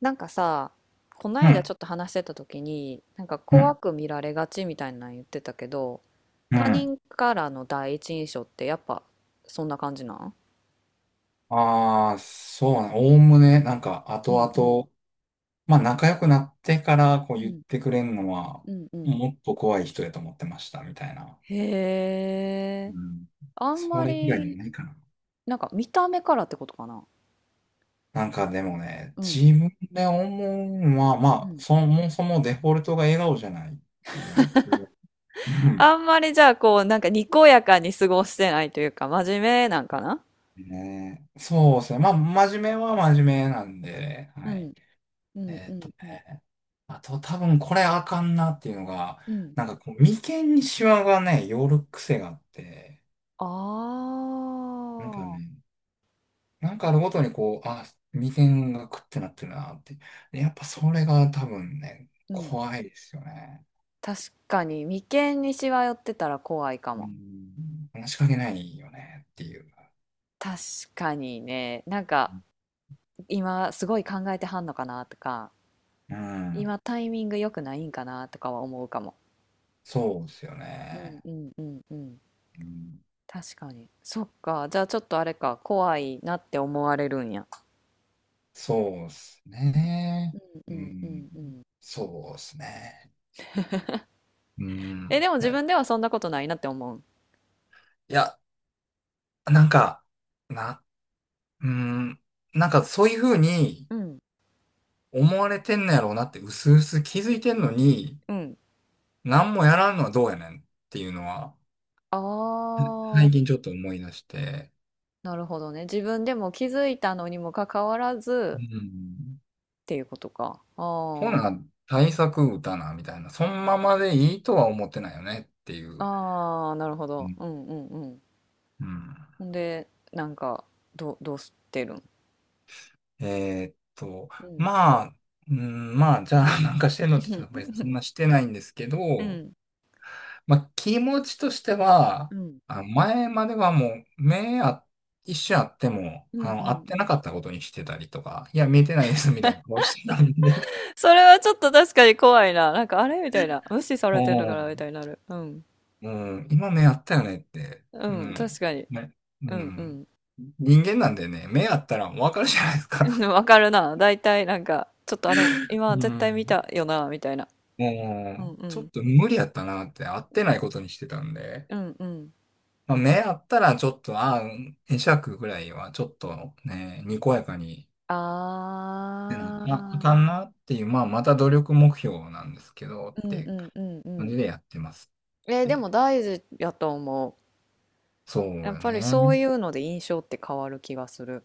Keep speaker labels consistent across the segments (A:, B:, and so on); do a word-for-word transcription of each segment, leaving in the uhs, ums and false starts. A: なんかさ、こな
B: う
A: いだ
B: ん、
A: ちょっと話してた時に、なんか
B: うん、
A: 怖く見られがちみたいなの言ってたけど、
B: う
A: 他
B: ん。
A: 人からの第一印象ってやっぱそんな感じなん？
B: ああ、そうな、おおむね、なんか、
A: う
B: 後
A: んうん
B: 々、まあ、仲良くなってから、こう
A: う
B: 言っ
A: ん
B: てくれるのは、
A: うんうん。
B: もっと怖い人やと思ってました、みたいな。
A: へ
B: う
A: え、
B: ん。
A: あん
B: そ
A: ま
B: れ以外に
A: り、
B: ないかな。
A: なんか見た目からってことかな。
B: なんかでもね、
A: うん
B: 自分で思うのは、
A: う
B: まあ、
A: ん。
B: そもそもデフォルトが笑顔じゃないっていうのと、うん。
A: あんまりじゃあこう、なんかにこやかに過ごしてないというか、真面目なんかな？
B: ねえ、そうですね。まあ、真面目は真面目なんで、
A: う
B: はい。
A: んうん
B: えー
A: う
B: っと
A: んうん
B: ね。あと多分これあかんなっていうのが、
A: うん、
B: なんかこう、眉間にシワがね、寄る癖があって、
A: あ
B: なんか
A: あ
B: ね、なんかあるごとにこう、あ、眉間がくってなってるなって。でやっぱそれが多分ね、
A: ー、うん。
B: 怖いですよね。
A: 確かに眉間にしわ寄ってたら怖いか
B: う
A: も。
B: ん。話しかけないよねっていう。
A: 確かにね、なんか今すごい考えてはんのかなとか、
B: うん。
A: 今タイミング良くないんかなとかは思うかも。
B: そうですよ
A: うん
B: ね。
A: うんうんうん。
B: うん。
A: 確かに。そっか。じゃあちょっとあれか、怖いなって思われるんや。
B: そうです
A: う
B: ね。
A: ん
B: う
A: うんう
B: ん。
A: んうん。
B: そうですね。う
A: え、
B: ん。
A: でも自
B: ね、
A: 分ではそんなことないなって思う。
B: いや、なんか、な、うーん、なんかそういうふうに
A: うん。
B: 思われてんのやろうなって、うすうす気づいてんのに、
A: うん。
B: 何もやらんのはどうやねんっていうのは、
A: あ
B: 最近
A: あ、
B: ちょっと思い出して、
A: なるほどね。自分でも気づいたのにもかかわら
B: う
A: ず
B: ん。
A: っていうことか。
B: ほ
A: あ
B: な、
A: あ。
B: 対策打たな、みたいな、そのままでいいとは思ってないよねっていう。
A: ああ、なるほ
B: う
A: ど。
B: ん、
A: うんうんうん。
B: うん。
A: ほんで、なんか、ど、う、どうしてるん？
B: えーっと、
A: うん。
B: まあ、うん、まあ、じゃあなんかしてんのって言ったら別にそん なしてないんですけ
A: う
B: ど、
A: ん。
B: まあ、気持ちとして
A: う
B: は、
A: ん。
B: あの前まではもう、目あ、一瞬あっても、
A: うんう
B: あ
A: ん
B: の、会っ
A: う
B: てな
A: ん。
B: かったことにしてたりとか、いや、見えてないですみたいな顔してたんで、
A: それはちょっと確かに怖いな。なんか、あれみたいな。無視されてるのかなみた いになる。うん。
B: うん、うん今目あったよねって、
A: う
B: う
A: ん、確
B: ん、
A: かに。
B: ね、う
A: うんう
B: ん。
A: ん。
B: 人間なんでね、目あったらわかるじゃないです
A: うん
B: か。
A: わかるな。だいたいなんか、ちょっとあれ、今
B: う
A: 絶
B: ん。
A: 対見たよな、みたいな。うん
B: もう、
A: う
B: ちょっ
A: ん。
B: と無理やったなって、会ってないことにしてたんで、
A: うんうん。
B: まあ、目あったらちょっと、ああ、会釈ぐらいはちょっとね、にこやかにてな
A: あ
B: きゃあか
A: あ。
B: んなっていう、まあ、また努力目標なんですけど、っ
A: うんう
B: て
A: んうんう
B: 感
A: ん。
B: じでやってますっ
A: えーでも
B: て。
A: 大事やと思う。
B: そう
A: やっ
B: よ
A: ぱりそう
B: ね。
A: いうので印象って変わる気がする。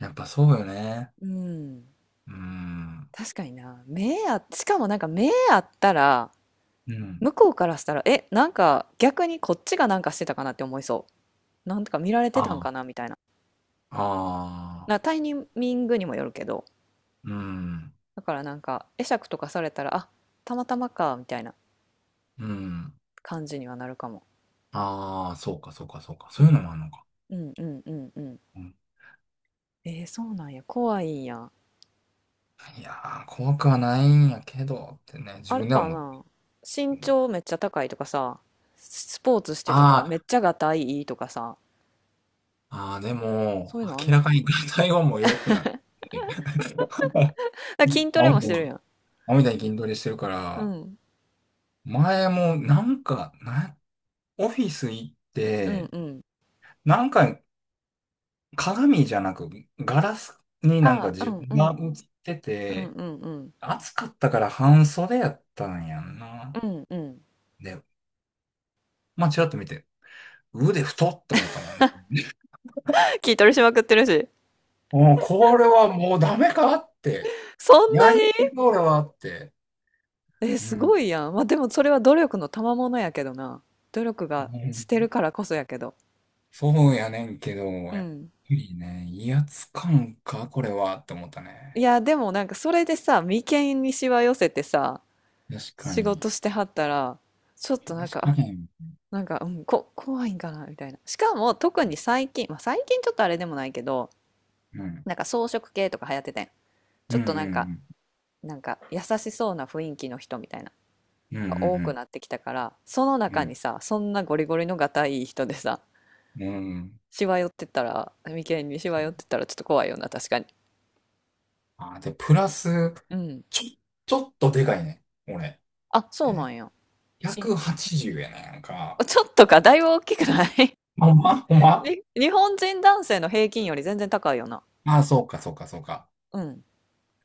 B: やっぱそうよね。
A: うん。
B: うん。
A: 確かにな。目あ、しかもなんか目あったら、
B: うん。
A: 向こうからしたら、え、なんか逆にこっちがなんかしてたかなって思いそう。なんとか見られてたん
B: あ
A: かなみたいな。
B: あ。あ
A: な、タ
B: あ。
A: イミングにもよるけど、
B: うん。
A: だからなんか会釈とかされたら、あ、たまたまか、みたいな
B: うん。
A: 感じにはなるかも。
B: ああ、そうか、そうか、そうか。
A: う
B: そういう
A: ん、
B: のもあるのか。
A: うん、うん、うん、うん。
B: うん、
A: えー、そうなんや。怖いんや。
B: いやー、怖くはないんやけど、ってね、自
A: あれ
B: 分では
A: か
B: 思って。
A: な、
B: う
A: 身
B: ん、
A: 長めっちゃ高いとかさ、スポーツしてたからめっ
B: あ
A: ちゃがたいいいとかさ、
B: ー、あー、でも、
A: そういうのあん
B: 明
A: の
B: ら
A: か
B: か
A: な。
B: に体温も良くなって。
A: あ、筋トレ
B: 青
A: も
B: み
A: し
B: たい
A: て
B: に、
A: るやん。
B: 青みたいに筋トレしてるか
A: う
B: ら、
A: ん。
B: 前もなんか、な、オフィス行っ
A: うん
B: て、
A: うん。
B: なんか鏡じゃなくガラスになんか
A: ああ、う
B: 自
A: ん
B: 分
A: う
B: が
A: ん。
B: 映って
A: うんう
B: て、
A: んうん。
B: 暑かったから半袖やったんやんな。
A: うんうん。
B: で、まあちらっと見て、腕太って思ったもん。
A: 筋トレしまくってるし。
B: もうこれはもうダメかって。
A: そん
B: や
A: な
B: りす
A: に。
B: ぎこれはって。
A: え、
B: う
A: す
B: ん。
A: ごいやん。まあでもそれは努力の賜物やけどな。努力
B: う
A: がして
B: ん、
A: るからこそやけど。
B: そうやねんけど、
A: う
B: やっぱ
A: ん。
B: りね、威圧感か、これはって思った
A: い
B: ね。
A: や、でもなんかそれでさ、眉間にしわ寄せてさ、
B: 確か
A: 仕
B: に。
A: 事してはったら、ちょっとなん
B: 確か
A: か、
B: に。
A: なんか、うん、こ、怖いんかなみたいな。しかも、特に最近、まあ、最近ちょっとあれでもないけど、
B: うん、
A: なんか装飾系とか流行っててん。ち
B: う
A: ょっ
B: ん、う
A: となんか、
B: ん、
A: なんか優しそうな雰囲気の人みたいな、
B: うん、う
A: が多く
B: ん、
A: なってきたから、その
B: う
A: 中
B: ん、
A: にさ、そんなゴリゴリのがたいい人でさ、
B: うん。うん、
A: しわ寄ってったら、眉間にしわ寄ってったらちょっと怖いよな、確かに。
B: あー、で、プラス、
A: うん。
B: ちょ、ちょっとでかいね。俺。
A: あ、
B: え
A: そうな
B: ー、
A: んや。し、し
B: ひゃくはちじゅうやね、なんか。
A: ちょっとか、だいぶ大きくない？
B: ほんまほんま、 あ
A: に日本人男性の平均より全然高いよな。
B: あ、そうか、そうか、そうか。
A: うん。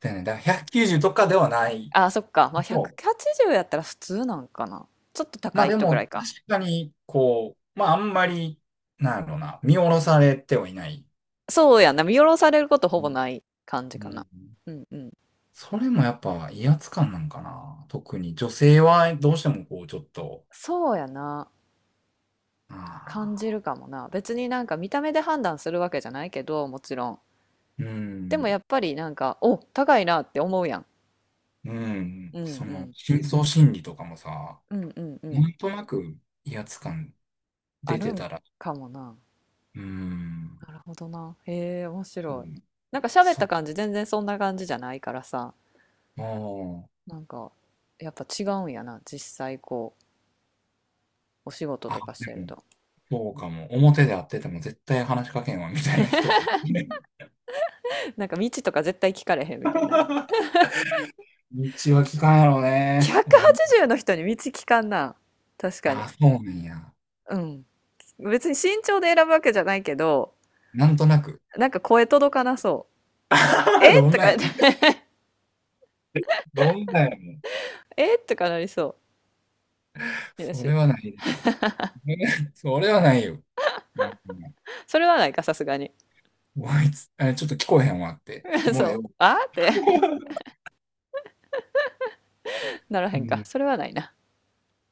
B: でね、だからひゃくきゅうじゅうとかではない
A: あ、そっか。まあ、
B: と。
A: ひゃくはちじゅうやったら普通なんかな。ちょっと
B: ま
A: 高
B: あ
A: い
B: で
A: 人ぐら
B: も、
A: いか。
B: 確かに、こう、まああんまり、なんやろうな、見下ろされてはいない。
A: そうやな。見下ろされることほぼない
B: う
A: 感じか
B: ん。
A: な。うんうん。
B: それもやっぱ威圧感なんかな。特に女性はどうしてもこうちょっと、
A: そうやな。
B: あ
A: 感じ
B: あ、
A: るかもな。別になんか見た目で判断するわけじゃないけど、もちろん。
B: う
A: でも
B: ん。
A: やっぱりなんか、お、高いなって思うやん。
B: うん、
A: うん
B: そ
A: う
B: の、
A: ん。
B: 深層心理とかもさ、
A: うんうんうん。
B: なんとなく威圧感
A: あ
B: 出
A: る
B: て
A: ん
B: たら、
A: かもな。
B: うん、
A: なるほどな。へえ、面
B: そ
A: 白
B: う、
A: い。なんか喋っ
B: そ
A: た
B: う、
A: 感じ全然そんな感じじゃないからさ。
B: もう、
A: なんか、やっぱ違うんやな。実際こう、お仕事
B: あ、
A: とかして
B: で
A: る
B: も、
A: と。
B: そうかも。表
A: うん。
B: で会ってても絶対話しかけんわ、みたいな人が。
A: なんか道とか絶対聞かれへんみたいな。
B: 道は聞かんやろね。俺、
A: ひゃくはちじゅうの人に道聞かんな。確か
B: あ
A: に。
B: あ、そうなんや。
A: うん。別に身長で選ぶわけじゃないけど、
B: なんとなく。
A: なんか声届かなそ う。
B: あ、
A: え
B: どん
A: と
B: なん
A: か、
B: や。どんなんやもん。
A: えとかなりそう。よ
B: そ
A: し。
B: れはないでしょ。ね、 それはないよ。うん、
A: それはないか、さすがに。
B: こいつ、あ、ちょっと聞こえへんわって。もう
A: そ
B: ええ
A: う。
B: わ。
A: あーって ならへんか。それはないな。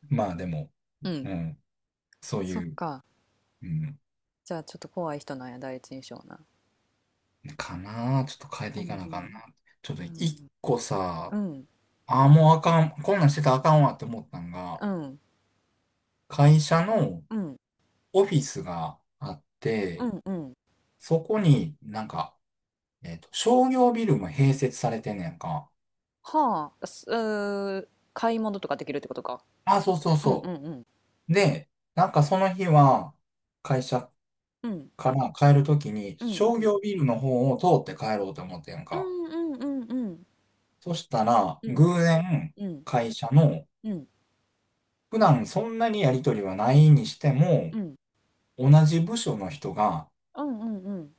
B: まあでも、
A: うん。
B: うん、そう
A: そ
B: い
A: っ
B: う、
A: か。
B: うん、
A: じゃあちょっと怖い人なんや、第一印象な。
B: かなあちょっと変え
A: う
B: てい
A: ん
B: かな
A: う
B: あかんな。
A: ん。
B: ちょっと
A: う
B: 一
A: ん。
B: 個
A: う
B: さ、
A: ん。
B: ああ、もうあかん、こんなんしてたらあかんわって思ったんが、
A: うん。
B: 会社の
A: うん。
B: オフィスがあっ
A: う
B: て、
A: ん。うん。
B: そこになんか、えっと、商業ビルも併設されてんねやんか。
A: はあ、すうー、買い物とかできるってことか。
B: あ、そうそう
A: うんうん
B: そ
A: うん。
B: う。で、なんかその日は、会社
A: うん。
B: から帰るときに、
A: うんう
B: 商
A: ん。
B: 業ビルの方を通って帰ろうと思ってんやん
A: う
B: か。
A: んうんうんうん。
B: そしたら、
A: うん
B: 偶然、
A: うん
B: 会社の、
A: うん。
B: 普段そんなにやりとりはないにして
A: う
B: も、
A: ん。
B: 同じ部署の人が
A: うんうんうん。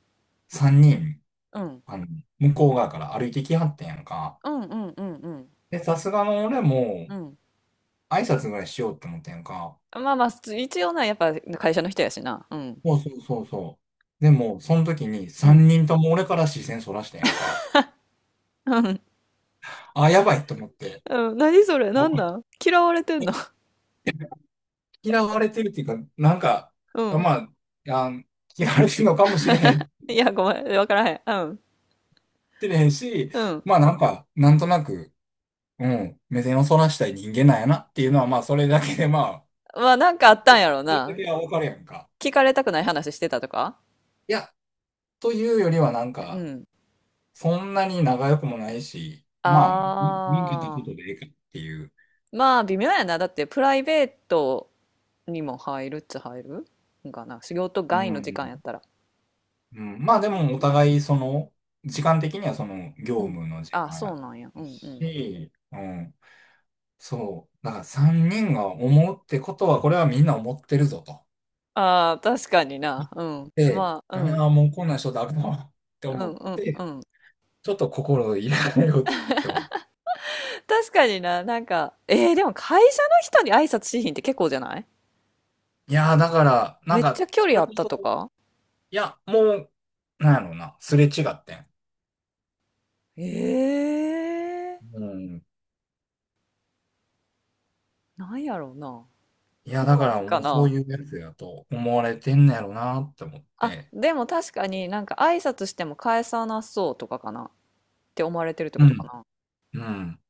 B: さんにん、
A: うん。
B: あの、向こう側から歩いてきはってんやんか。
A: うんうんうんうん。
B: で、さすがの俺
A: う
B: も
A: ん。
B: 挨拶ぐらいしようって思ってんやんか。
A: まあまあ、す一応な、やっぱ会社の人やしな。うん。
B: そうそうそうそう。でも、その時に
A: うん。
B: さんにんとも俺から視線そらしてんやんか。
A: うん
B: あ、やばいと思って。
A: うん。何それ、なんなん、嫌われてんの？
B: 嫌われてるっていうか、なんか、
A: うん。
B: まあ、あ嫌われてるのかもしれへん、
A: いや、ごめん、わからへん。うん。
B: しれへんし、
A: うん。
B: まあなんか、なんとなく、うん、目線をそらしたい人間なんやなっていうのは、まあ、それだけで、まあ、
A: まあ、なんかあったんやろう
B: それだ
A: な。
B: けはわかるやんか。
A: 聞かれたくない話してたとか？
B: いや、というよりはなん
A: う
B: か、
A: ん。
B: そんなに仲良くもないし、まあ、み見んったこ
A: あ
B: とで
A: あ。
B: ええかっていう。
A: まあ、微妙やな。だって、プライベートにも入るっちゃ入るんかな、仕事
B: う
A: 外の時間やっ
B: ん。
A: たら。
B: うん、まあ、で
A: うん
B: も、お
A: うん。
B: 互い、その、時間的にはその、
A: う
B: 業
A: ん。
B: 務の時
A: あ
B: 間や
A: そ
B: っ
A: うなんや。う
B: た
A: んうん。
B: し、うん。そう。だから、さんにんが思うってことは、これはみんな思ってるぞと。
A: ああ、確かにな。うん。
B: で、
A: まあ、うん。
B: ああ、もうこんな人だろうって
A: う
B: 思
A: ん
B: っ
A: うん。う
B: て、
A: ん、
B: ちょっと心を入れ替えようって思う。
A: 確かにな。なんか、えー、でも会社の人に挨拶しひんって結構じゃない？
B: いやー、だから、なん
A: めっちゃ
B: か、
A: 距
B: そ
A: 離
B: れ
A: あっ
B: こ
A: たと
B: そ、
A: か？
B: いや、もう、なんやろうな、すれ違ってん。
A: ええ
B: うん。
A: ー、なんやろうな、
B: いや、だか
A: 怖い
B: ら、
A: んか
B: もうそう
A: な？
B: いうやつやと思われてんのやろうなって思っ
A: あ
B: て。
A: でも確かになんか挨拶しても返さなそうとかかなって思われてるって
B: う
A: ことか
B: ん。
A: な？
B: うん。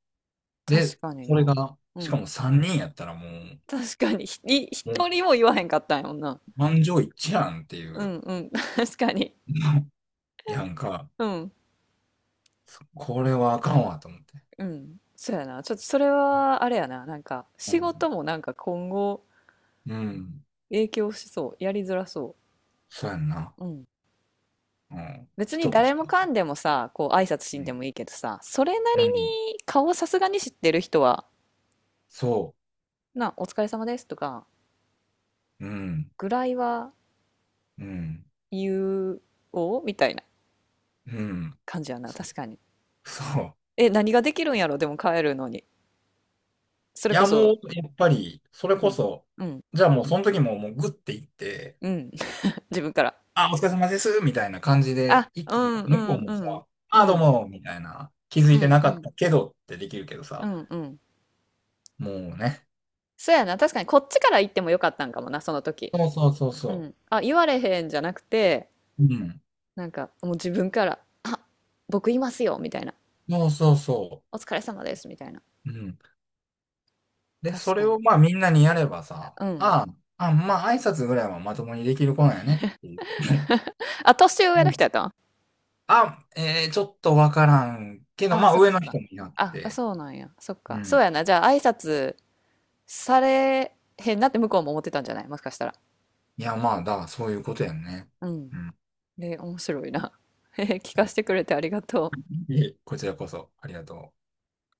B: で、
A: 確かに
B: それ
A: な。
B: が、
A: う
B: しか
A: ん。
B: もさんにんやったらもう、
A: 確かに、ひ、い
B: もう、
A: 一人も言わへんかったんやもんな。
B: 満場一致やんってい
A: う
B: う、
A: んうん、確かに。
B: やんか、
A: うん、
B: そこれはあかんわと思って。
A: うん。そうやな。ちょっとそれは、あれやな。なんか、
B: う
A: 仕
B: ん。
A: 事もなんか今後
B: うん。
A: 影響しそう。やりづらそ
B: そうやんな。
A: う。うん。
B: うん。
A: 別に
B: 人とし
A: 誰
B: て
A: も
B: はあ
A: か
B: かん。
A: んでもさ、こう挨拶し
B: う
A: んで
B: ん。
A: もいいけどさ、それな
B: う
A: り
B: ん。
A: に顔さすがに知ってる人は、
B: そ
A: な、お疲れ様ですとか、
B: う。うん。
A: ぐらいは
B: うん。
A: 言おうみたいな
B: うん。
A: 感じやな。確かに。
B: そう。
A: え、何ができるんやろ、でも帰るのに。そ
B: い
A: れこ
B: や、もう、
A: そ、
B: やっぱり、それ
A: う
B: こ
A: ん、
B: そ、
A: うん、
B: じゃあもう、その時も、もう、グッて行って、
A: うん。自分から。
B: あ、お疲れ様です、みたいな感じで
A: あ、
B: 行っ
A: う
B: ても、
A: んう
B: 向こ
A: ん
B: う
A: う
B: もさ、
A: ん。う
B: あ、どう
A: ん。
B: も、みたいな、気づ
A: う
B: いて
A: ん
B: な
A: う
B: かっ
A: ん。
B: たけどってできるけど
A: う
B: さ、
A: んうん。
B: もうね。
A: そうやな、確かにこっちから言ってもよかったんかもな、その時。
B: そうそうそう
A: う
B: そ
A: ん。あ、言われへんじゃなくて、
B: う。うん。
A: なんかもう自分から、あ、僕いますよ、みたいな。
B: そうそうそ
A: お疲れ様です、みたいな。
B: う。うん。で、そ
A: 確
B: れ
A: かに。
B: を、まあ、みんなにやればさ、
A: うん。
B: ああ、あ、まあ、挨拶ぐらいはまともにできる子なんやねっていう。
A: あ、年上
B: う
A: の人
B: ん、
A: やったん？
B: あ、えー、ちょっとわからんけど、
A: あ、
B: まあ、
A: そっか
B: 上
A: そ
B: の
A: っか。
B: 人になっ
A: あ、あ
B: て、
A: そうなんや。そっ
B: う
A: か。そう
B: ん。
A: やな。じゃあ挨拶されへんなって向こうも思ってたんじゃない、もしかしたら。
B: いや、まあ、だ、そういうことやんね。
A: うん。
B: うん。
A: で、面白いな。え、聞かせてくれてありがとう。
B: いえ、こちらこそ、ありがとう。